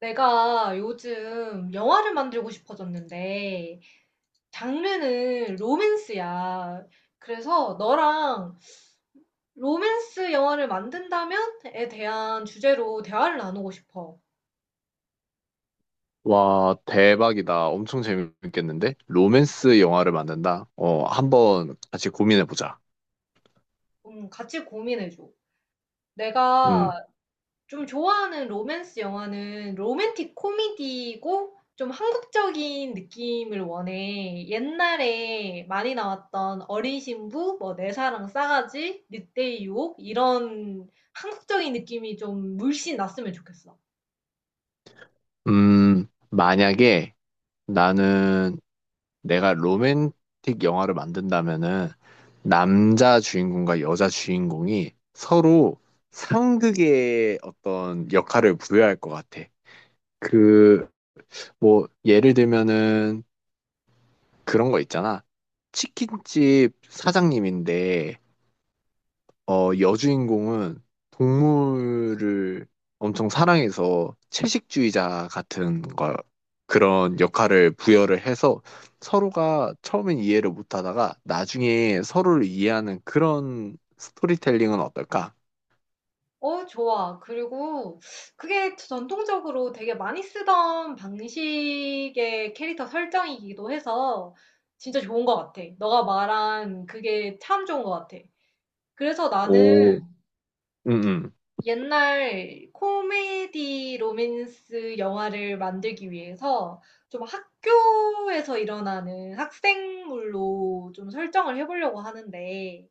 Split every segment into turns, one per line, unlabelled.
내가 요즘 영화를 만들고 싶어졌는데, 장르는 로맨스야. 그래서 너랑 로맨스 영화를 만든다면에 대한 주제로 대화를 나누고 싶어.
와, 대박이다. 엄청 재밌겠는데? 로맨스 영화를 만든다? 한번 같이 고민해보자.
좀 같이 고민해줘.
음,
내가 좀 좋아하는 로맨스 영화는 로맨틱 코미디고 좀 한국적인 느낌을 원해. 옛날에 많이 나왔던 어린 신부, 뭐 내 사랑 싸가지, 늑대의 유혹 이런 한국적인 느낌이 좀 물씬 났으면 좋겠어.
만약에 나는 내가 로맨틱 영화를 만든다면은 남자 주인공과 여자 주인공이 서로 상극의 어떤 역할을 부여할 것 같아. 그, 뭐, 예를 들면은 그런 거 있잖아. 치킨집 사장님인데 여주인공은 동물을 엄청 사랑해서 채식주의자 같은 걸, 그런 역할을 부여를 해서 서로가 처음엔 이해를 못 하다가 나중에 서로를 이해하는 그런 스토리텔링은 어떨까?
어, 좋아. 그리고 그게 전통적으로 되게 많이 쓰던 방식의 캐릭터 설정이기도 해서 진짜 좋은 것 같아. 너가 말한 그게 참 좋은 것 같아. 그래서
오,
나는
응, 응.
옛날 코미디 로맨스 영화를 만들기 위해서 좀 학교에서 일어나는 학생물로 좀 설정을 해 보려고 하는데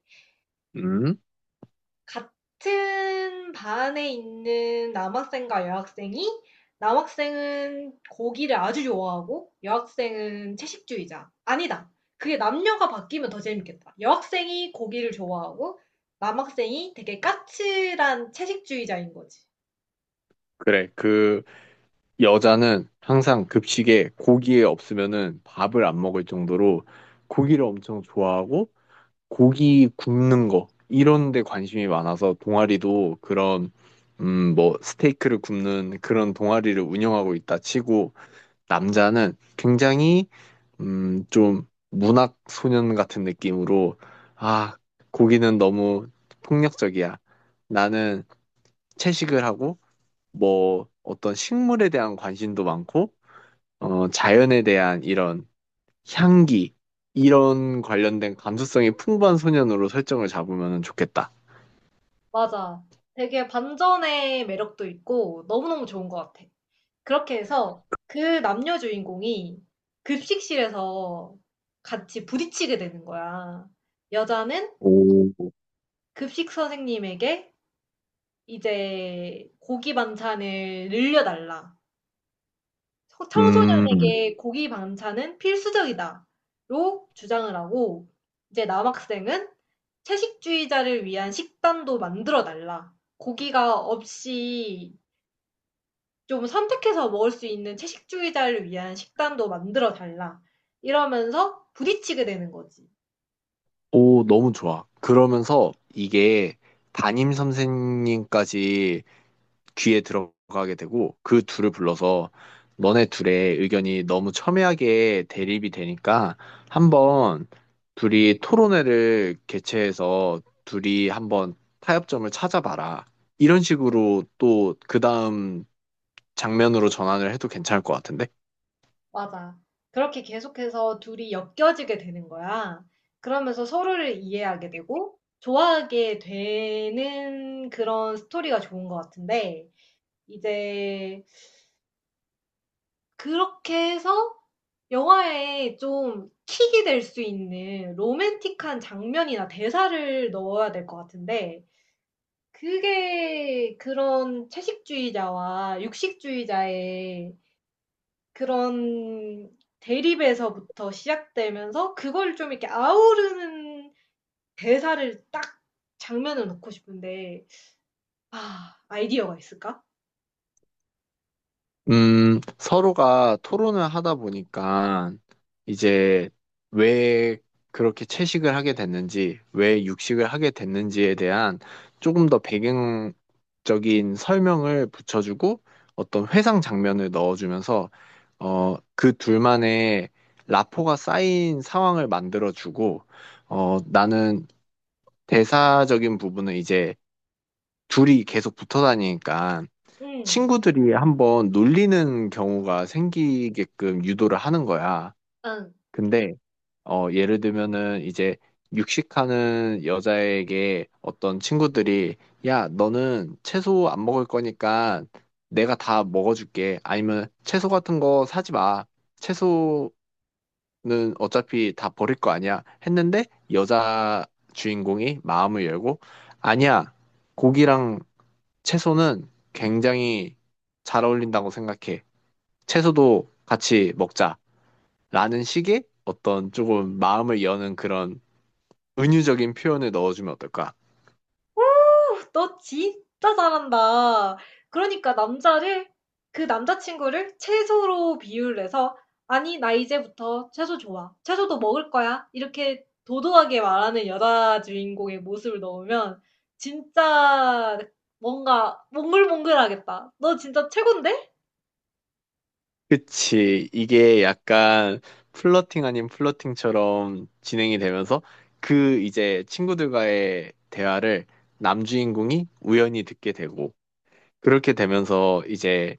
응,
같은 반에 있는 남학생과 여학생이 남학생은 고기를 아주 좋아하고 여학생은 채식주의자. 아니다. 그게 남녀가 바뀌면 더 재밌겠다. 여학생이 고기를 좋아하고 남학생이 되게 까칠한 채식주의자인 거지.
그래. 여자는 항상 급식에 고기에 없으면은 밥을 안 먹을 정도로 고기를 엄청 좋아하고 고기 굽는 거 이런 데 관심이 많아서 동아리도 그런 뭐 스테이크를 굽는 그런 동아리를 운영하고 있다 치고 남자는 굉장히 좀 문학 소년 같은 느낌으로 아 고기는 너무 폭력적이야. 나는 채식을 하고 뭐 어떤 식물에 대한 관심도 많고 자연에 대한 이런 향기 이런 관련된 감수성이 풍부한 소년으로 설정을 잡으면 좋겠다.
맞아. 되게 반전의 매력도 있고 너무너무 좋은 것 같아. 그렇게 해서 그 남녀 주인공이 급식실에서 같이 부딪히게 되는 거야. 여자는
오,
급식 선생님에게 이제 고기 반찬을 늘려달라.
음,
청소년에게 고기 반찬은 필수적이다로 주장을 하고 이제 남학생은 채식주의자를 위한 식단도 만들어 달라. 고기가 없이 좀 선택해서 먹을 수 있는 채식주의자를 위한 식단도 만들어 달라. 이러면서 부딪히게 되는 거지.
오, 너무 좋아. 그러면서 이게 담임 선생님까지 귀에 들어가게 되고 그 둘을 불러서 너네 둘의 의견이 너무 첨예하게 대립이 되니까 한번 둘이 토론회를 개최해서 둘이 한번 타협점을 찾아봐라. 이런 식으로 또 그 다음 장면으로 전환을 해도 괜찮을 것 같은데?
맞아. 그렇게 계속해서 둘이 엮여지게 되는 거야. 그러면서 서로를 이해하게 되고 좋아하게 되는 그런 스토리가 좋은 것 같은데, 이제 그렇게 해서 영화에 좀 킥이 될 수 있는 로맨틱한 장면이나 대사를 넣어야 될 것 같은데, 그게 그런 채식주의자와 육식주의자의 그런 대립에서부터 시작되면서 그걸 좀 이렇게 아우르는 대사를 딱 장면을 넣고 싶은데 아, 아이디어가 있을까?
서로가 토론을 하다 보니까 이제 왜 그렇게 채식을 하게 됐는지, 왜 육식을 하게 됐는지에 대한 조금 더 배경적인 설명을 붙여주고 어떤 회상 장면을 넣어주면서 그 둘만의 라포가 쌓인 상황을 만들어주고 나는 대사적인 부분은 이제 둘이 계속 붙어 다니니까
응.
친구들이 한번 놀리는 경우가 생기게끔 유도를 하는 거야.
아,
근데 예를 들면은 이제 육식하는 여자에게 어떤 친구들이 야, 너는 채소 안 먹을 거니까 내가 다 먹어줄게. 아니면 채소 같은 거 사지 마. 채소는 어차피 다 버릴 거 아니야. 했는데 여자 주인공이 마음을 열고 아니야. 고기랑 채소는 굉장히 잘 어울린다고 생각해. 채소도 같이 먹자. 라는 식의 어떤 조금 마음을 여는 그런 은유적인 표현을 넣어주면 어떨까?
너 진짜 잘한다. 그러니까 남자를 그 남자친구를 채소로 비유를 해서 "아니 나 이제부터 채소 좋아. 채소도 먹을 거야." 이렇게 도도하게 말하는 여자 주인공의 모습을 넣으면 진짜 뭔가 몽글몽글하겠다. 너 진짜 최곤데?
그치. 이게 약간 플러팅 아닌 플러팅처럼 진행이 되면서 그 이제 친구들과의 대화를 남주인공이 우연히 듣게 되고 그렇게 되면서 이제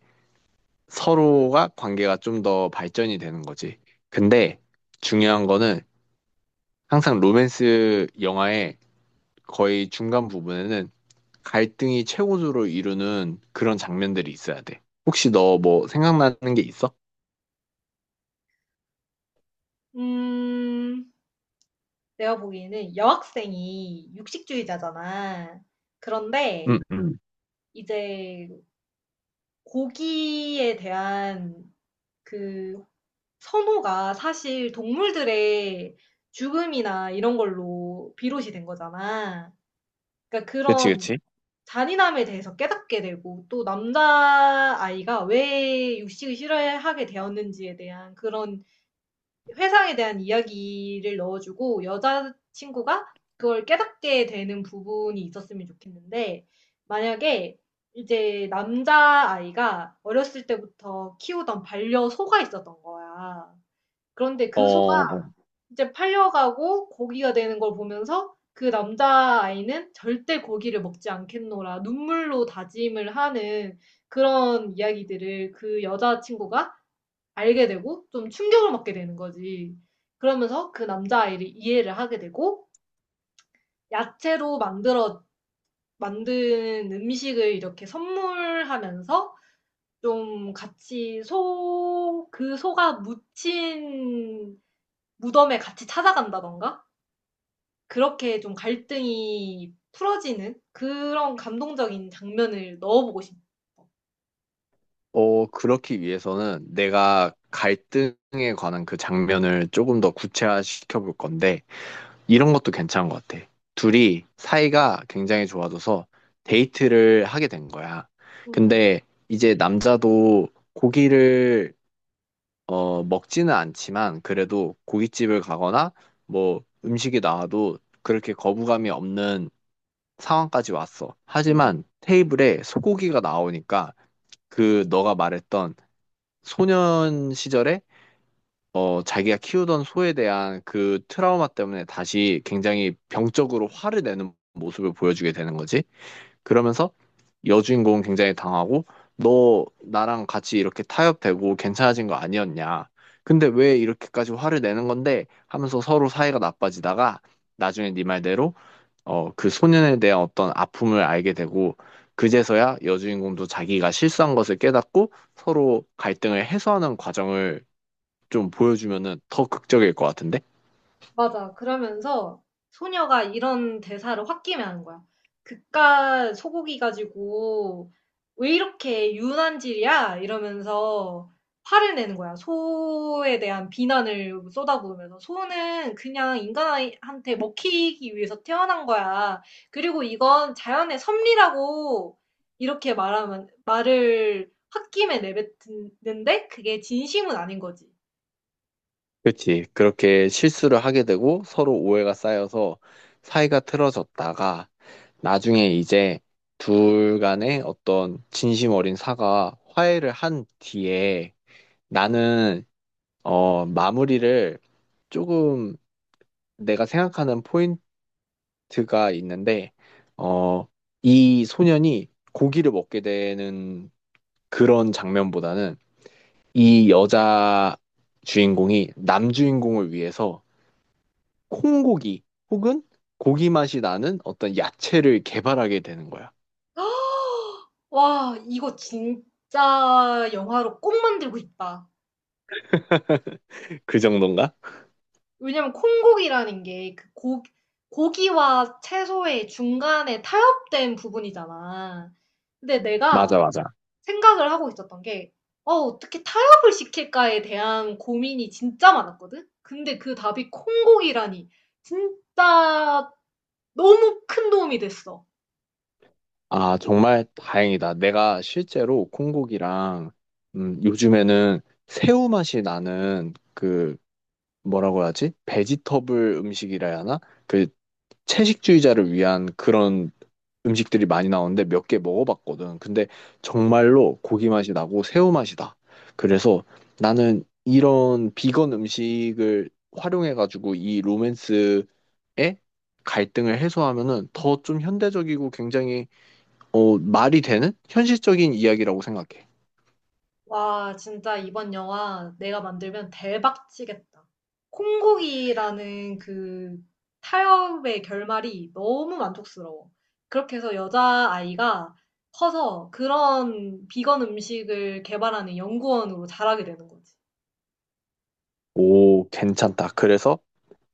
서로가 관계가 좀 더 발전이 되는 거지. 근데 중요한 거는 항상 로맨스 영화의 거의 중간 부분에는 갈등이 최고조로 이루는 그런 장면들이 있어야 돼. 혹시 너 뭐 생각나는 게 있어?
음. 내가 보기에는 여학생이 육식주의자잖아. 그런데
응, 응.
이제 고기에 대한 그 선호가 사실 동물들의 죽음이나 이런 걸로 비롯이 된 거잖아. 그러니까
그치,
그런
그치.
잔인함에 대해서 깨닫게 되고 또 남자아이가 왜 육식을 싫어하게 되었는지에 대한 그런 회상에 대한 이야기를 넣어주고 여자친구가 그걸 깨닫게 되는 부분이 있었으면 좋겠는데 만약에 이제 남자아이가 어렸을 때부터 키우던 반려소가 있었던 거야. 그런데
어,
그
어,
소가 이제 팔려가고 고기가 되는 걸 보면서 그 남자아이는 '절대 고기를 먹지 않겠노라.' 눈물로 다짐을 하는 그런 이야기들을 그 여자친구가 알게 되고 좀 충격을 먹게 되는 거지. 그러면서 그 남자아이를 이해를 하게 되고 야채로 만들어 만든 음식을 이렇게 선물하면서 좀 같이 소 그 소가 묻힌 무덤에 같이 찾아간다던가 그렇게 좀 갈등이 풀어지는 그런 감동적인 장면을 넣어보고 싶어.
그렇기 위해서는 내가 갈등에 관한 그 장면을 조금 더 구체화시켜 볼 건데, 이런 것도 괜찮은 것 같아. 둘이 사이가 굉장히 좋아져서 데이트를 하게 된 거야.
음.
근데 이제 남자도 고기를 먹지는 않지만 그래도 고깃집을 가거나 뭐 음식이 나와도 그렇게 거부감이 없는 상황까지 왔어.
음.
하지만 테이블에 소고기가 나오니까 그 너가 말했던 소년 시절에 자기가 키우던 소에 대한 그 트라우마 때문에 다시 굉장히 병적으로 화를 내는 모습을 보여주게 되는 거지. 그러면서 여주인공은 굉장히 당하고 너 나랑 같이 이렇게 타협되고 괜찮아진 거 아니었냐? 근데 왜 이렇게까지 화를 내는 건데? 하면서 서로 사이가 나빠지다가 나중에 네 말대로 그 소년에 대한 어떤 아픔을 알게 되고 그제서야 여주인공도 자기가 실수한 것을 깨닫고 서로 갈등을 해소하는 과정을 좀 보여주면은 더 극적일 것 같은데?
맞아. 그러면서 소녀가 이런 대사를 홧김에하는 거야. "그깟 소고기 가지고 왜 이렇게 유난질이야?" 이러면서 화를 내는 거야. 소에 대한 비난을 쏟아부으면서. "소는 그냥 인간한테 먹히기 위해서 태어난 거야. 그리고 이건 자연의 섭리라고." 이렇게 말하면 말을 홧김에 내뱉는데 그게 진심은 아닌 거지.
그렇지. 그렇게 실수를 하게 되고 서로 오해가 쌓여서 사이가 틀어졌다가 나중에 이제 둘 간의 어떤 진심 어린 사과, 화해를 한 뒤에 나는 마무리를 조금 내가 생각하는 포인트가 있는데 어, 이 소년이 고기를 먹게 되는 그런 장면보다는 이 여자 주인공이 남 주인공을 위해서 콩고기 혹은 고기 맛이 나는 어떤 야채를 개발하게 되는 거야.
와 이거 진짜 영화로 꼭 만들고 싶다.
그 정도인가?
왜냐면 콩고기라는 게 그 고 고기와 채소의 중간에 타협된 부분이잖아. 근데 내가
맞아, 맞아.
생각을 하고 있었던 게 '어 어떻게 타협을 시킬까.'에 대한 고민이 진짜 많았거든. 근데 그 답이 콩고기라니 진짜 너무 큰 도움이 됐어.
아, 정말 다행이다. 내가 실제로 콩고기랑 요즘에는 새우 맛이 나는 그 뭐라고 하지? 베지터블 음식이라 해야 하나? 그 채식주의자를 위한 그런 음식들이 많이 나오는데 몇 개 먹어봤거든. 근데 정말로 고기 맛이 나고 새우 맛이 나. 그래서 나는 이런 비건 음식을 활용해가지고 이 로맨스의 갈등을 해소하면은 더 좀 현대적이고 굉장히 말이 되는 현실적인 이야기라고 생각해.
와, 진짜 이번 영화 내가 만들면 대박 치겠다. 콩고기라는 그 타협의 결말이 너무 만족스러워. 그렇게 해서 여자아이가 커서 그런 비건 음식을 개발하는 연구원으로 자라게 되는 거지.
오, 괜찮다. 그래서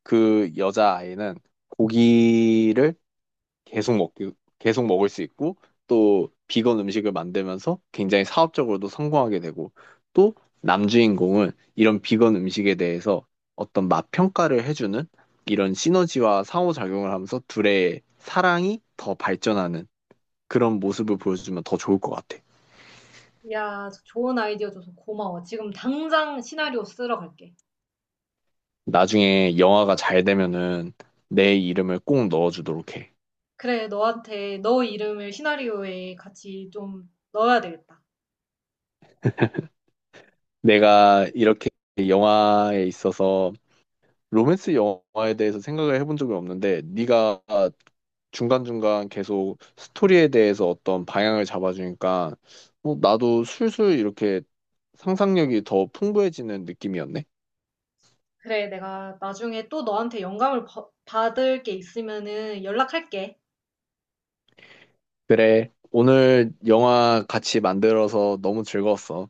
그 여자아이는 고기를 계속 먹기, 계속 먹을 수 있고, 또 비건 음식을 만들면서 굉장히 사업적으로도 성공하게 되고, 또 남주인공은 이런 비건 음식에 대해서 어떤 맛 평가를 해주는 이런 시너지와 상호작용을 하면서 둘의 사랑이 더 발전하는 그런 모습을 보여주면 더 좋을 것 같아.
야, 좋은 아이디어 줘서 고마워. 지금 당장 시나리오 쓰러 갈게.
나중에 영화가 잘 되면은 내 이름을 꼭 넣어주도록 해.
그래, 너한테 너 이름을 시나리오에 같이 좀 넣어야 되겠다.
내가 이렇게 영화에 있어서 로맨스 영화에 대해서 생각을 해본 적이 없는데 네가 중간중간 계속 스토리에 대해서 어떤 방향을 잡아주니까 나도 술술 이렇게 상상력이 더 풍부해지는 느낌이었네.
그래, 내가 나중에 또 너한테 영감을 받을 게 있으면은 연락할게.
그래, 오늘 영화 같이 만들어서 너무 즐거웠어.